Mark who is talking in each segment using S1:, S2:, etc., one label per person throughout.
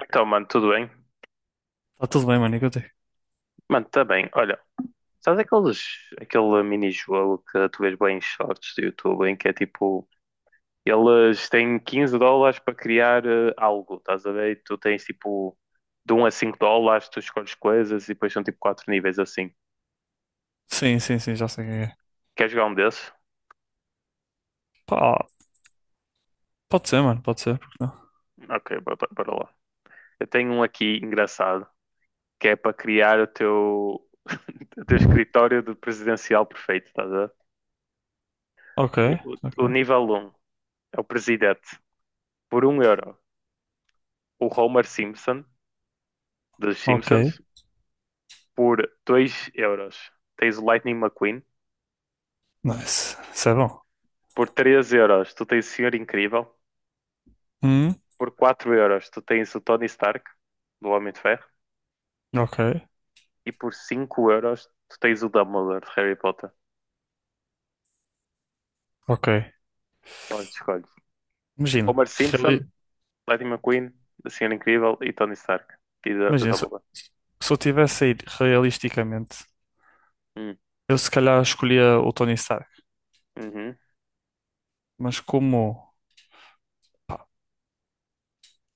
S1: Então, mano, tudo bem?
S2: Tá tudo bem, mano, e contigo?
S1: Mano, tá bem. Olha, sabes aquele mini-jogo que tu vês bem em shorts do YouTube, em que é tipo, eles têm 15 dólares para criar algo, estás a ver? E tu tens tipo, de um a 5 dólares, tu escolhes coisas e depois são tipo 4 níveis assim.
S2: Sim, sim, sim, já sei quem é.
S1: Quer jogar um desses?
S2: Pá, pode ser, mano, pode ser, porque não?
S1: Ok, bora, bora lá. Eu tenho um aqui engraçado, que é para criar o teu, o teu escritório de presidencial perfeito, estás a ver?
S2: Ok,
S1: Ni- O,
S2: ok,
S1: o nível um é o presidente, por um euro. O Homer Simpson dos
S2: ok,
S1: Simpsons por 2 euros. Tens o Lightning McQueen
S2: nice, isso é bom.
S1: por 3 euros. Tu tens o Senhor Incrível
S2: Hum,
S1: por 4 euros. Tu tens o Tony Stark do Homem de Ferro
S2: ok,
S1: e por 5 euros tu tens o Dumbledore de Harry Potter.
S2: ok.
S1: Onde escolhes?
S2: Imagina,
S1: Homer Simpson, Lightning McQueen, o Senhor Incrível e Tony Stark e D-
S2: imagina, se,
S1: Dumbledore.
S2: se eu tivesse a ir realisticamente,
S1: Hum,
S2: eu se calhar escolhia o Tony Stark,
S1: uhum.
S2: mas como, pá,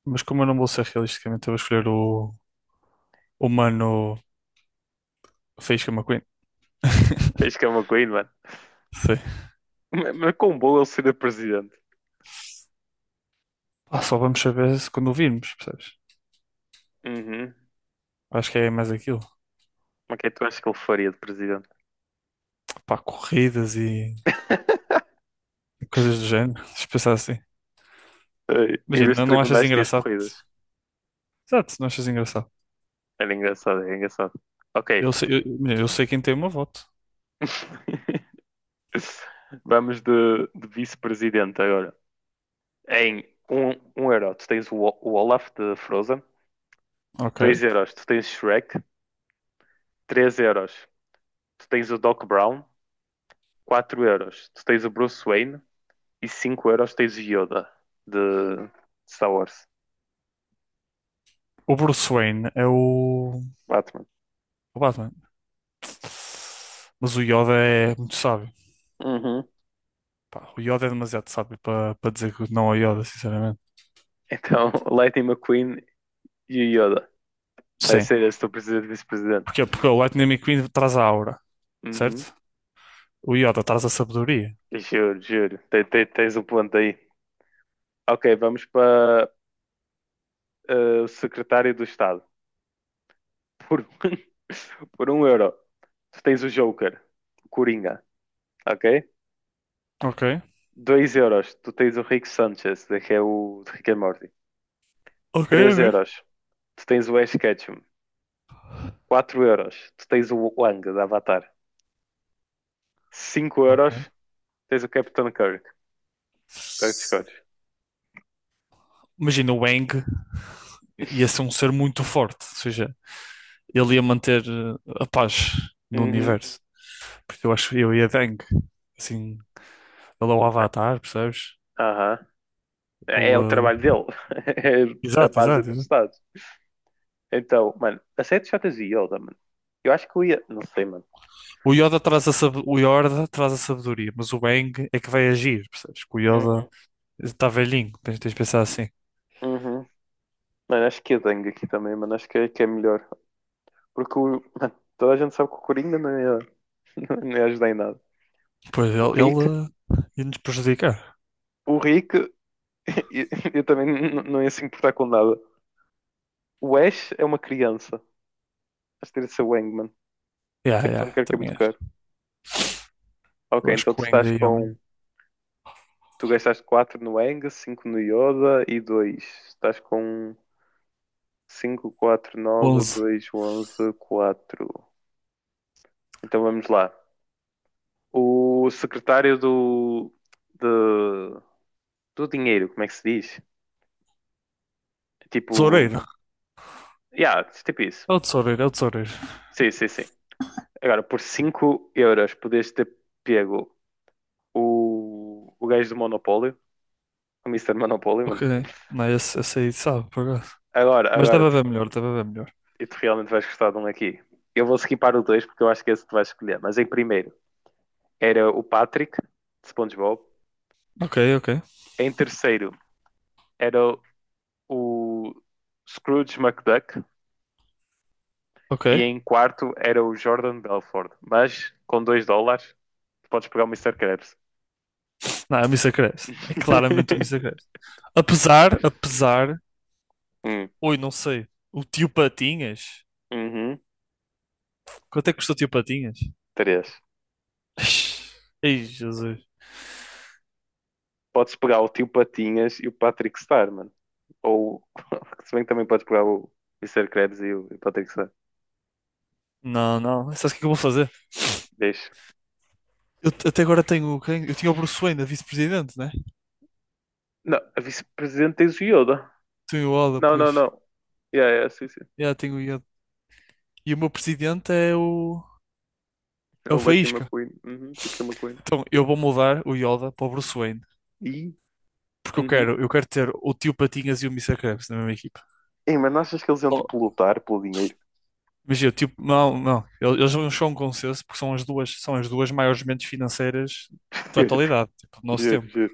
S2: mas como eu não vou ser realisticamente, eu vou escolher o mano Faísca McQueen.
S1: Fez que é o McQueen, mano.
S2: Sim.
S1: Mas com bom ele seria presidente.
S2: Pá, só vamos saber se quando o virmos, percebes?
S1: Uhum.
S2: Acho que é mais aquilo.
S1: Mas o que é que tu achas que ele faria de presidente?
S2: Pá, corridas e coisas do género. Se pensar assim.
S1: Ai, em
S2: Imagina,
S1: vez de
S2: não achas
S1: tribunais, tinhas
S2: engraçado?
S1: corridas.
S2: Exato, não achas engraçado.
S1: Era engraçado, era engraçado. Ok.
S2: Eu sei, eu, imagina, eu sei quem tem o meu voto.
S1: Vamos de, vice-presidente agora. Em um euro, tu tens o Olaf de Frozen.
S2: Ok.
S1: Dois euros, tu tens Shrek. Três euros, tu tens o Doc Brown. Quatro euros, tu tens o Bruce Wayne. E 5 euros, tens o Yoda de Star Wars.
S2: O Bruce Wayne é o,
S1: Batman.
S2: o Batman. Mas o Yoda é muito sábio.
S1: Uhum.
S2: Pá, o Yoda é demasiado sábio para dizer que não ao Yoda, sinceramente.
S1: Então, Lightning McQueen e o Yoda. Vai
S2: Sim.
S1: ser esse o teu presidente e vice-presidente.
S2: Porquê? Porque o Lightning McQueen traz a aura, certo?
S1: Uhum.
S2: O Yoda traz a sabedoria.
S1: Juro, juro. Tens o ponto aí. Ok, vamos para o secretário do Estado. Por, por um euro, tu tens o Joker, o Coringa, ok?
S2: Ok.
S1: Dois euros, tu tens o Rick Sanchez, que é o de Rick and Morty.
S2: Ok,
S1: Três
S2: ok.
S1: euros, tu tens o Ash Ketchum. Quatro euros, tu tens o Wang, da Avatar. Cinco
S2: Ok.
S1: euros, tens o Capitão Kirk. Qual é que tu escolhes?
S2: Imagina o Aang ia ser um ser muito forte, ou seja, ele ia manter a paz no
S1: Uhum.
S2: universo. Porque eu acho que eu ia de Aang. Assim, ele é o
S1: Mano,
S2: Avatar, percebes?
S1: aham. É o
S2: Ele,
S1: trabalho
S2: eh,
S1: dele. É a
S2: Exato,
S1: paz entre os
S2: exato.
S1: Estados. Então, mano, a série de Jotas e Yoda, mano. Eu acho que eu ia. Não sei, mano.
S2: O Yoda traz a sabedoria, mas o Aang é que vai agir, percebes? Que o Yoda
S1: Uhum,
S2: está velhinho, tens de pensar assim.
S1: uhum. Mano, acho que a Dengue aqui também, mano. Acho que é melhor. Porque o. Mano, toda a gente sabe que o Coringa não ia, não ia ajudar em nada.
S2: Pois ele,
S1: O Rick.
S2: ele ia nos prejudicar.
S1: O Rick. Eu, eu também não ia se importar com nada. O Ash é uma criança. Acho que teria de ser o Aang, mano.
S2: Yeah,
S1: Capitão
S2: yeah,
S1: Kirk é
S2: também
S1: muito
S2: acho.
S1: caro. Ok,
S2: Eu acho
S1: então tu
S2: que o Aang
S1: estás
S2: aí é o melhor.
S1: com. Tu gastaste 4 no Aang, cinco no Yoda e dois. Estás com 5, 4, 9,
S2: 11.
S1: 2, 11, 4. Então vamos lá. O secretário do, de- do dinheiro, como é que se diz? Tipo,
S2: Tesoureiro.
S1: yeah, tipo isso.
S2: É o tesoureiro, é o tesoureiro.
S1: Sim, sim, sim. Agora, por 5 euros podias ter pego o gajo do Monopólio, o Mister Monopólio,
S2: Ok.
S1: mano.
S2: Não, esse aí sabe, por acaso.
S1: Agora,
S2: Mas deve
S1: agora, tu,
S2: haver melhor, deve haver melhor.
S1: e tu realmente vais gostar de um aqui. Eu vou skipar o 2 porque eu acho que é esse que tu vais escolher. Mas em primeiro era o Patrick, de SpongeBob.
S2: Ok, ok,
S1: Em terceiro era o Scrooge McDuck.
S2: ok.
S1: E em quarto era o Jordan Belfort. Mas com 2 dólares, podes pegar o Mister Krabs.
S2: Não, é o Mr. Krabs. É claramente o Mr. Krabs. Apesar, apesar...
S1: Hum,
S2: Oi, não sei. O tio Patinhas.
S1: uhum,
S2: Quanto é que custou o tio Patinhas?
S1: três.
S2: Ei, Jesus.
S1: Podes pegar o Tio Patinhas e o Patrick Star, mano. Ou, se bem que também podes pegar o Mister Krabs e o, Patrick Star.
S2: Não, não. Sabes o que é que eu vou fazer?
S1: Deixa.
S2: Até agora tenho quem? Eu tinha o Bruce Wayne, a vice-presidente, né?
S1: Não, a vice-presidente tens o Yoda.
S2: Tenho o Oda,
S1: Não, não,
S2: pois.
S1: não. Yeah, yeah, sim, sim.
S2: Já tenho o Yoda. E o meu presidente é o.
S1: É
S2: É o
S1: o Lightning
S2: Faísca.
S1: McQueen. Uhum, acho que é McQueen.
S2: Então eu vou mudar o Yoda para o Bruce Wayne.
S1: E?
S2: Porque eu
S1: Uhum.
S2: quero, eu quero ter o tio Patinhas e o Mister Krabs na mesma equipa.
S1: Ei, mas não achas que eles iam,
S2: Só-
S1: tipo, lutar pelo dinheiro?
S2: Imagina, o tio. Não, não. Eles não chegam a um consenso porque são as duas maiores mentes financeiras da
S1: Juro,
S2: atualidade, tipo, do nosso
S1: juro,
S2: tempo.
S1: juro.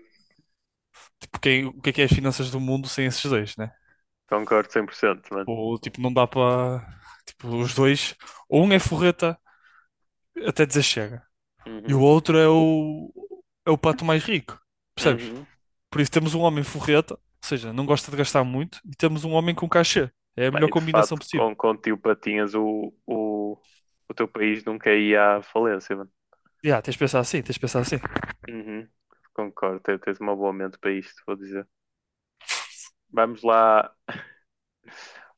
S2: Tipo, quem, o que é as finanças do mundo sem esses dois, né?
S1: Concordo 100%, mano.
S2: Ou, tipo, não dá para. Tipo, os dois. Ou um é forreta até dizer chega. E o
S1: Uhum.
S2: outro é o. É o pato mais rico. Percebes?
S1: Uhum.
S2: Por isso temos um homem forreta, ou seja, não gosta de gastar muito, e temos um homem com cachê. É a melhor
S1: Bem, de
S2: combinação
S1: facto
S2: possível.
S1: com, o tio Patinhas, o teu país nunca ia à falência, mano.
S2: Yeah, tens de pensar assim, tens de pensar assim.
S1: Uhum. Concordo, tens uma boa mente para isto, vou dizer. Vamos lá,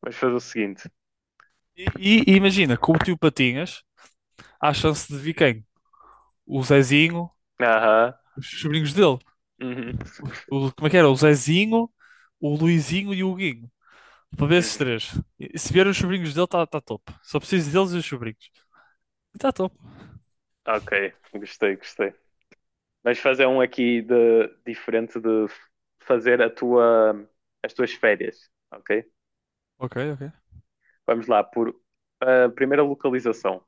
S1: vamos fazer o seguinte.
S2: E imagina, com o tio Patinhas, há chance de vir quem? O Zezinho,
S1: Aham.
S2: os sobrinhos dele.
S1: Uhum.
S2: O, como é que era? O Zezinho, o Luizinho e o Guinho. Para ver esses
S1: Uhum.
S2: três. E se vier os sobrinhos dele, está top. Só preciso deles e os sobrinhos. E está top.
S1: Ok, gostei, gostei. Vamos fazer um aqui de, diferente de fazer as tuas férias, ok?
S2: Ok, ok.
S1: Vamos lá, por a primeira localização.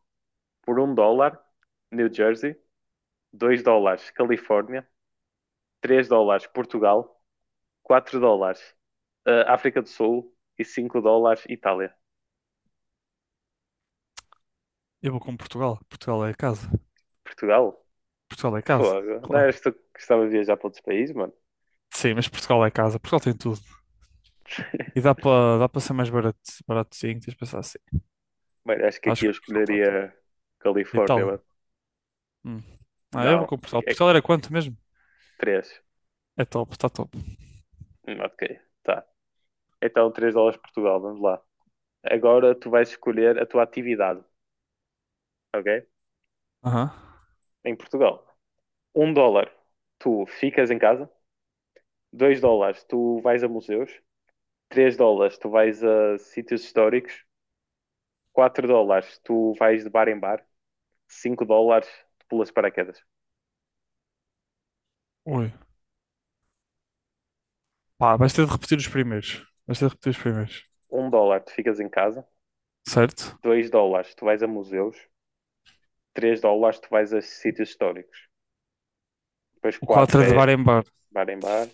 S1: Por um dólar, New Jersey. Dois dólares, Califórnia. Três dólares Portugal, 4 dólares África do Sul e 5 dólares Itália.
S2: Eu vou com Portugal. Portugal é casa.
S1: Portugal?
S2: Portugal é casa,
S1: Fogo. Não
S2: claro.
S1: eras tu que gostava de viajar para outros países, mano?
S2: Sim, mas Portugal é casa. Portugal tem tudo. E dá para dá para ser mais barato, baratozinho, tens de pensar assim.
S1: Bem, acho que aqui
S2: Acho
S1: eu
S2: que Portugal está top.
S1: escolheria Califórnia,
S2: Itália.
S1: mano.
S2: Hum. Ah, eu vou
S1: Não,
S2: com Portugal.
S1: é
S2: Portugal era quanto mesmo?
S1: 3.
S2: É top, está top.
S1: Ok, tá. Então 3 dólares Portugal, vamos lá. Agora tu vais escolher a tua atividade, ok?
S2: Aham.
S1: Em Portugal. Um dólar, tu ficas em casa. Dois dólares, tu vais a museus. Três dólares, tu vais a sítios históricos. 4 dólares tu vais de bar em bar. 5 dólares tu pulas de paraquedas.
S2: Ui. Pá, vais ter de repetir os primeiros. Vais ter de repetir os primeiros.
S1: Um dólar tu ficas em casa,
S2: Certo?
S1: dois dólares tu vais a museus, três dólares tu vais a sítios históricos, depois
S2: O quatro
S1: 4
S2: é de
S1: é
S2: bar em bar.
S1: bar em bar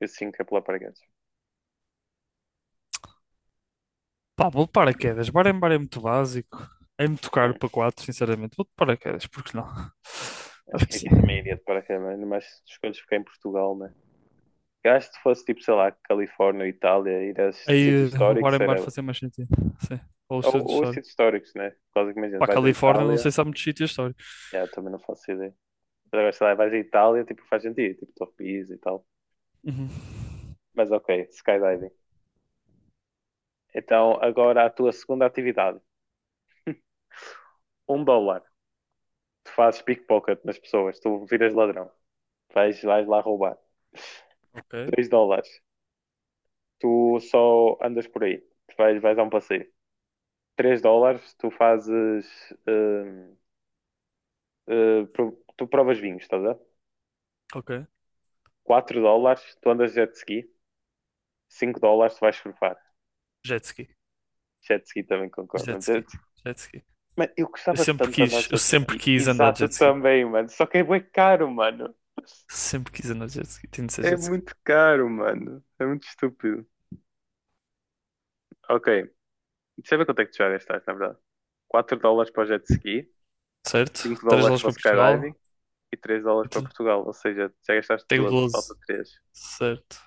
S1: e 5 é pular paraquedas.
S2: Pá, vou de paraquedas. Bar em bar é muito básico. É muito caro
S1: Hum,
S2: para quatro, sinceramente. Vou de paraquedas, porque não?
S1: Acho
S2: Acho
S1: que
S2: que sim.
S1: aqui também iria de paraquedas, mas escolhes ficar em Portugal, né? Eu acho que se fosse tipo, sei lá, Califórnia, Itália, ir a sítios
S2: Aí, o bar
S1: históricos
S2: em bar
S1: era. Ou,
S2: fazia mais sentido. Sim. Ou o centro histórico.
S1: sítios históricos, né? Por causa que imagina,
S2: Para a
S1: vais à
S2: Califórnia, não
S1: Itália,
S2: sei se há muitos sítios históricos.
S1: yeah, também não faço ideia. Mas agora, sei lá, vais à Itália, tipo, faz sentido, tipo, Top Pisa e tal.
S2: Uhum.
S1: Mas ok, skydiving. Então, agora a tua segunda atividade. Um dólar. Tu fazes pickpocket nas pessoas. Tu viras ladrão. Vais lá roubar.
S2: Ok,
S1: Dois dólares. Tu só andas por aí. Tu vais a um passeio. Três dólares. Hum, tu provas vinhos, estás a ver?
S2: ok.
S1: Quatro dólares. Tu andas de jet ski. Cinco dólares. Tu vais surfar.
S2: Jet ski.
S1: Jet ski também concordo.
S2: Jet
S1: Mas jet...
S2: ski. Jet ski.
S1: Mano, eu
S2: Eu
S1: gostava
S2: sempre
S1: tanto de andar
S2: quis,
S1: de
S2: eu
S1: jet
S2: sempre
S1: ski.
S2: quis andar de
S1: Exato, eu
S2: jet ski.
S1: também, mano. Só que é bué caro, mano.
S2: Sempre quis andar de jet ski. Tinha de ser
S1: É
S2: jet ski.
S1: muito caro, mano. É muito estúpido. Ok. Deixa eu ver quanto é que tu já gastaste, na verdade. 4 dólares para o jet ski,
S2: Certo?
S1: 5
S2: Três
S1: dólares
S2: aulas
S1: para o
S2: para Portugal.
S1: skydiving e 3
S2: E
S1: dólares para
S2: te-
S1: Portugal. Ou seja, já gastaste
S2: Tenho
S1: 12, falta
S2: 12.
S1: 3.
S2: Certo.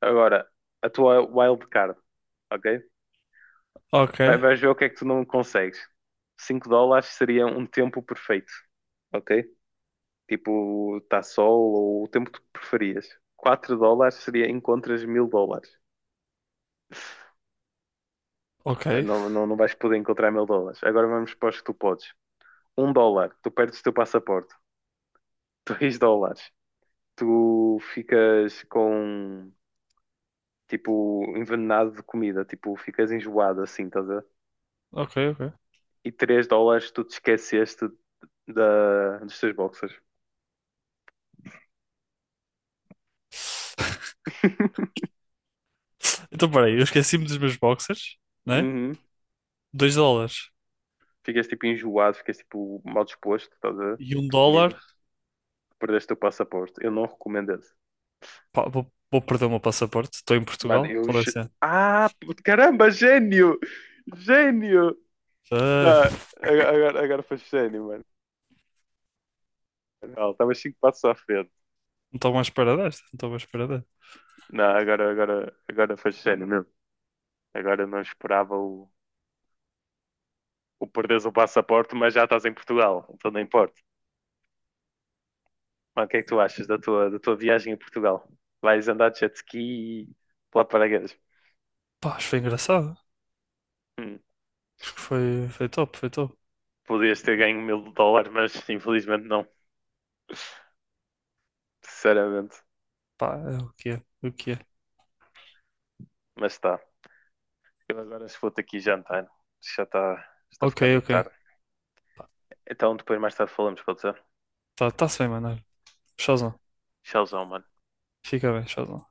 S1: Agora, a tua wildcard, ok?
S2: Ok,
S1: Vais ver o que é que tu não consegues. 5 dólares seria um tempo perfeito, ok? Tipo, está sol ou o tempo que tu preferias. 4 dólares seria encontras 1000 dólares.
S2: ok,
S1: Não, não, não vais poder encontrar 1000 dólares. Agora vamos para os que tu podes. Um dólar, tu perdes o teu passaporte. Dois dólares, tu ficas com tipo envenenado de comida, tipo ficas enjoado assim, estás a ver?
S2: ok, ok.
S1: E três dólares tu te esqueceste dos teus boxers.
S2: Então, peraí, eu esqueci-me dos meus boxers, né?
S1: Uhum.
S2: 2 dólares.
S1: Ficas tipo enjoado, ficas tipo mal disposto, estás a ver?
S2: E um
S1: De
S2: dólar.
S1: comida, perdeste o teu passaporte. Eu não recomendo esse.
S2: Pá, vou perder o meu passaporte. Estou em
S1: Mano,
S2: Portugal.
S1: eu.
S2: Qual é a cena?
S1: Ah, puto, caramba, gênio! Gênio! Não,
S2: Ah,
S1: agora, agora foi gênio, mano. Estava 5 passos à frente.
S2: não estou mais para desta. Não estou mais para desta.
S1: Não, agora, agora faz sério mesmo. Agora não esperava o, perderes o passaporte, mas já estás em Portugal, então não importa. Mas o que é que tu achas da tua viagem a Portugal? Vais andar de jet ski e pular de paraquedas.
S2: Pá, acho que foi engraçado.
S1: Hum,
S2: Acho que foi top, foi top.
S1: Podias ter ganho 1000 dólares, mas infelizmente não, sinceramente.
S2: Pá, é o que é, o que é.
S1: Mas está. Eu agora se vou-te aqui jantar, já está, a
S2: Ok,
S1: ficar meio
S2: ok.
S1: tarde. Então depois mais tarde falamos, pode ser?
S2: Tá, tá-se bem, mano. Olha. Showzão.
S1: Tchauzão, mano.
S2: Fica bem, showzão.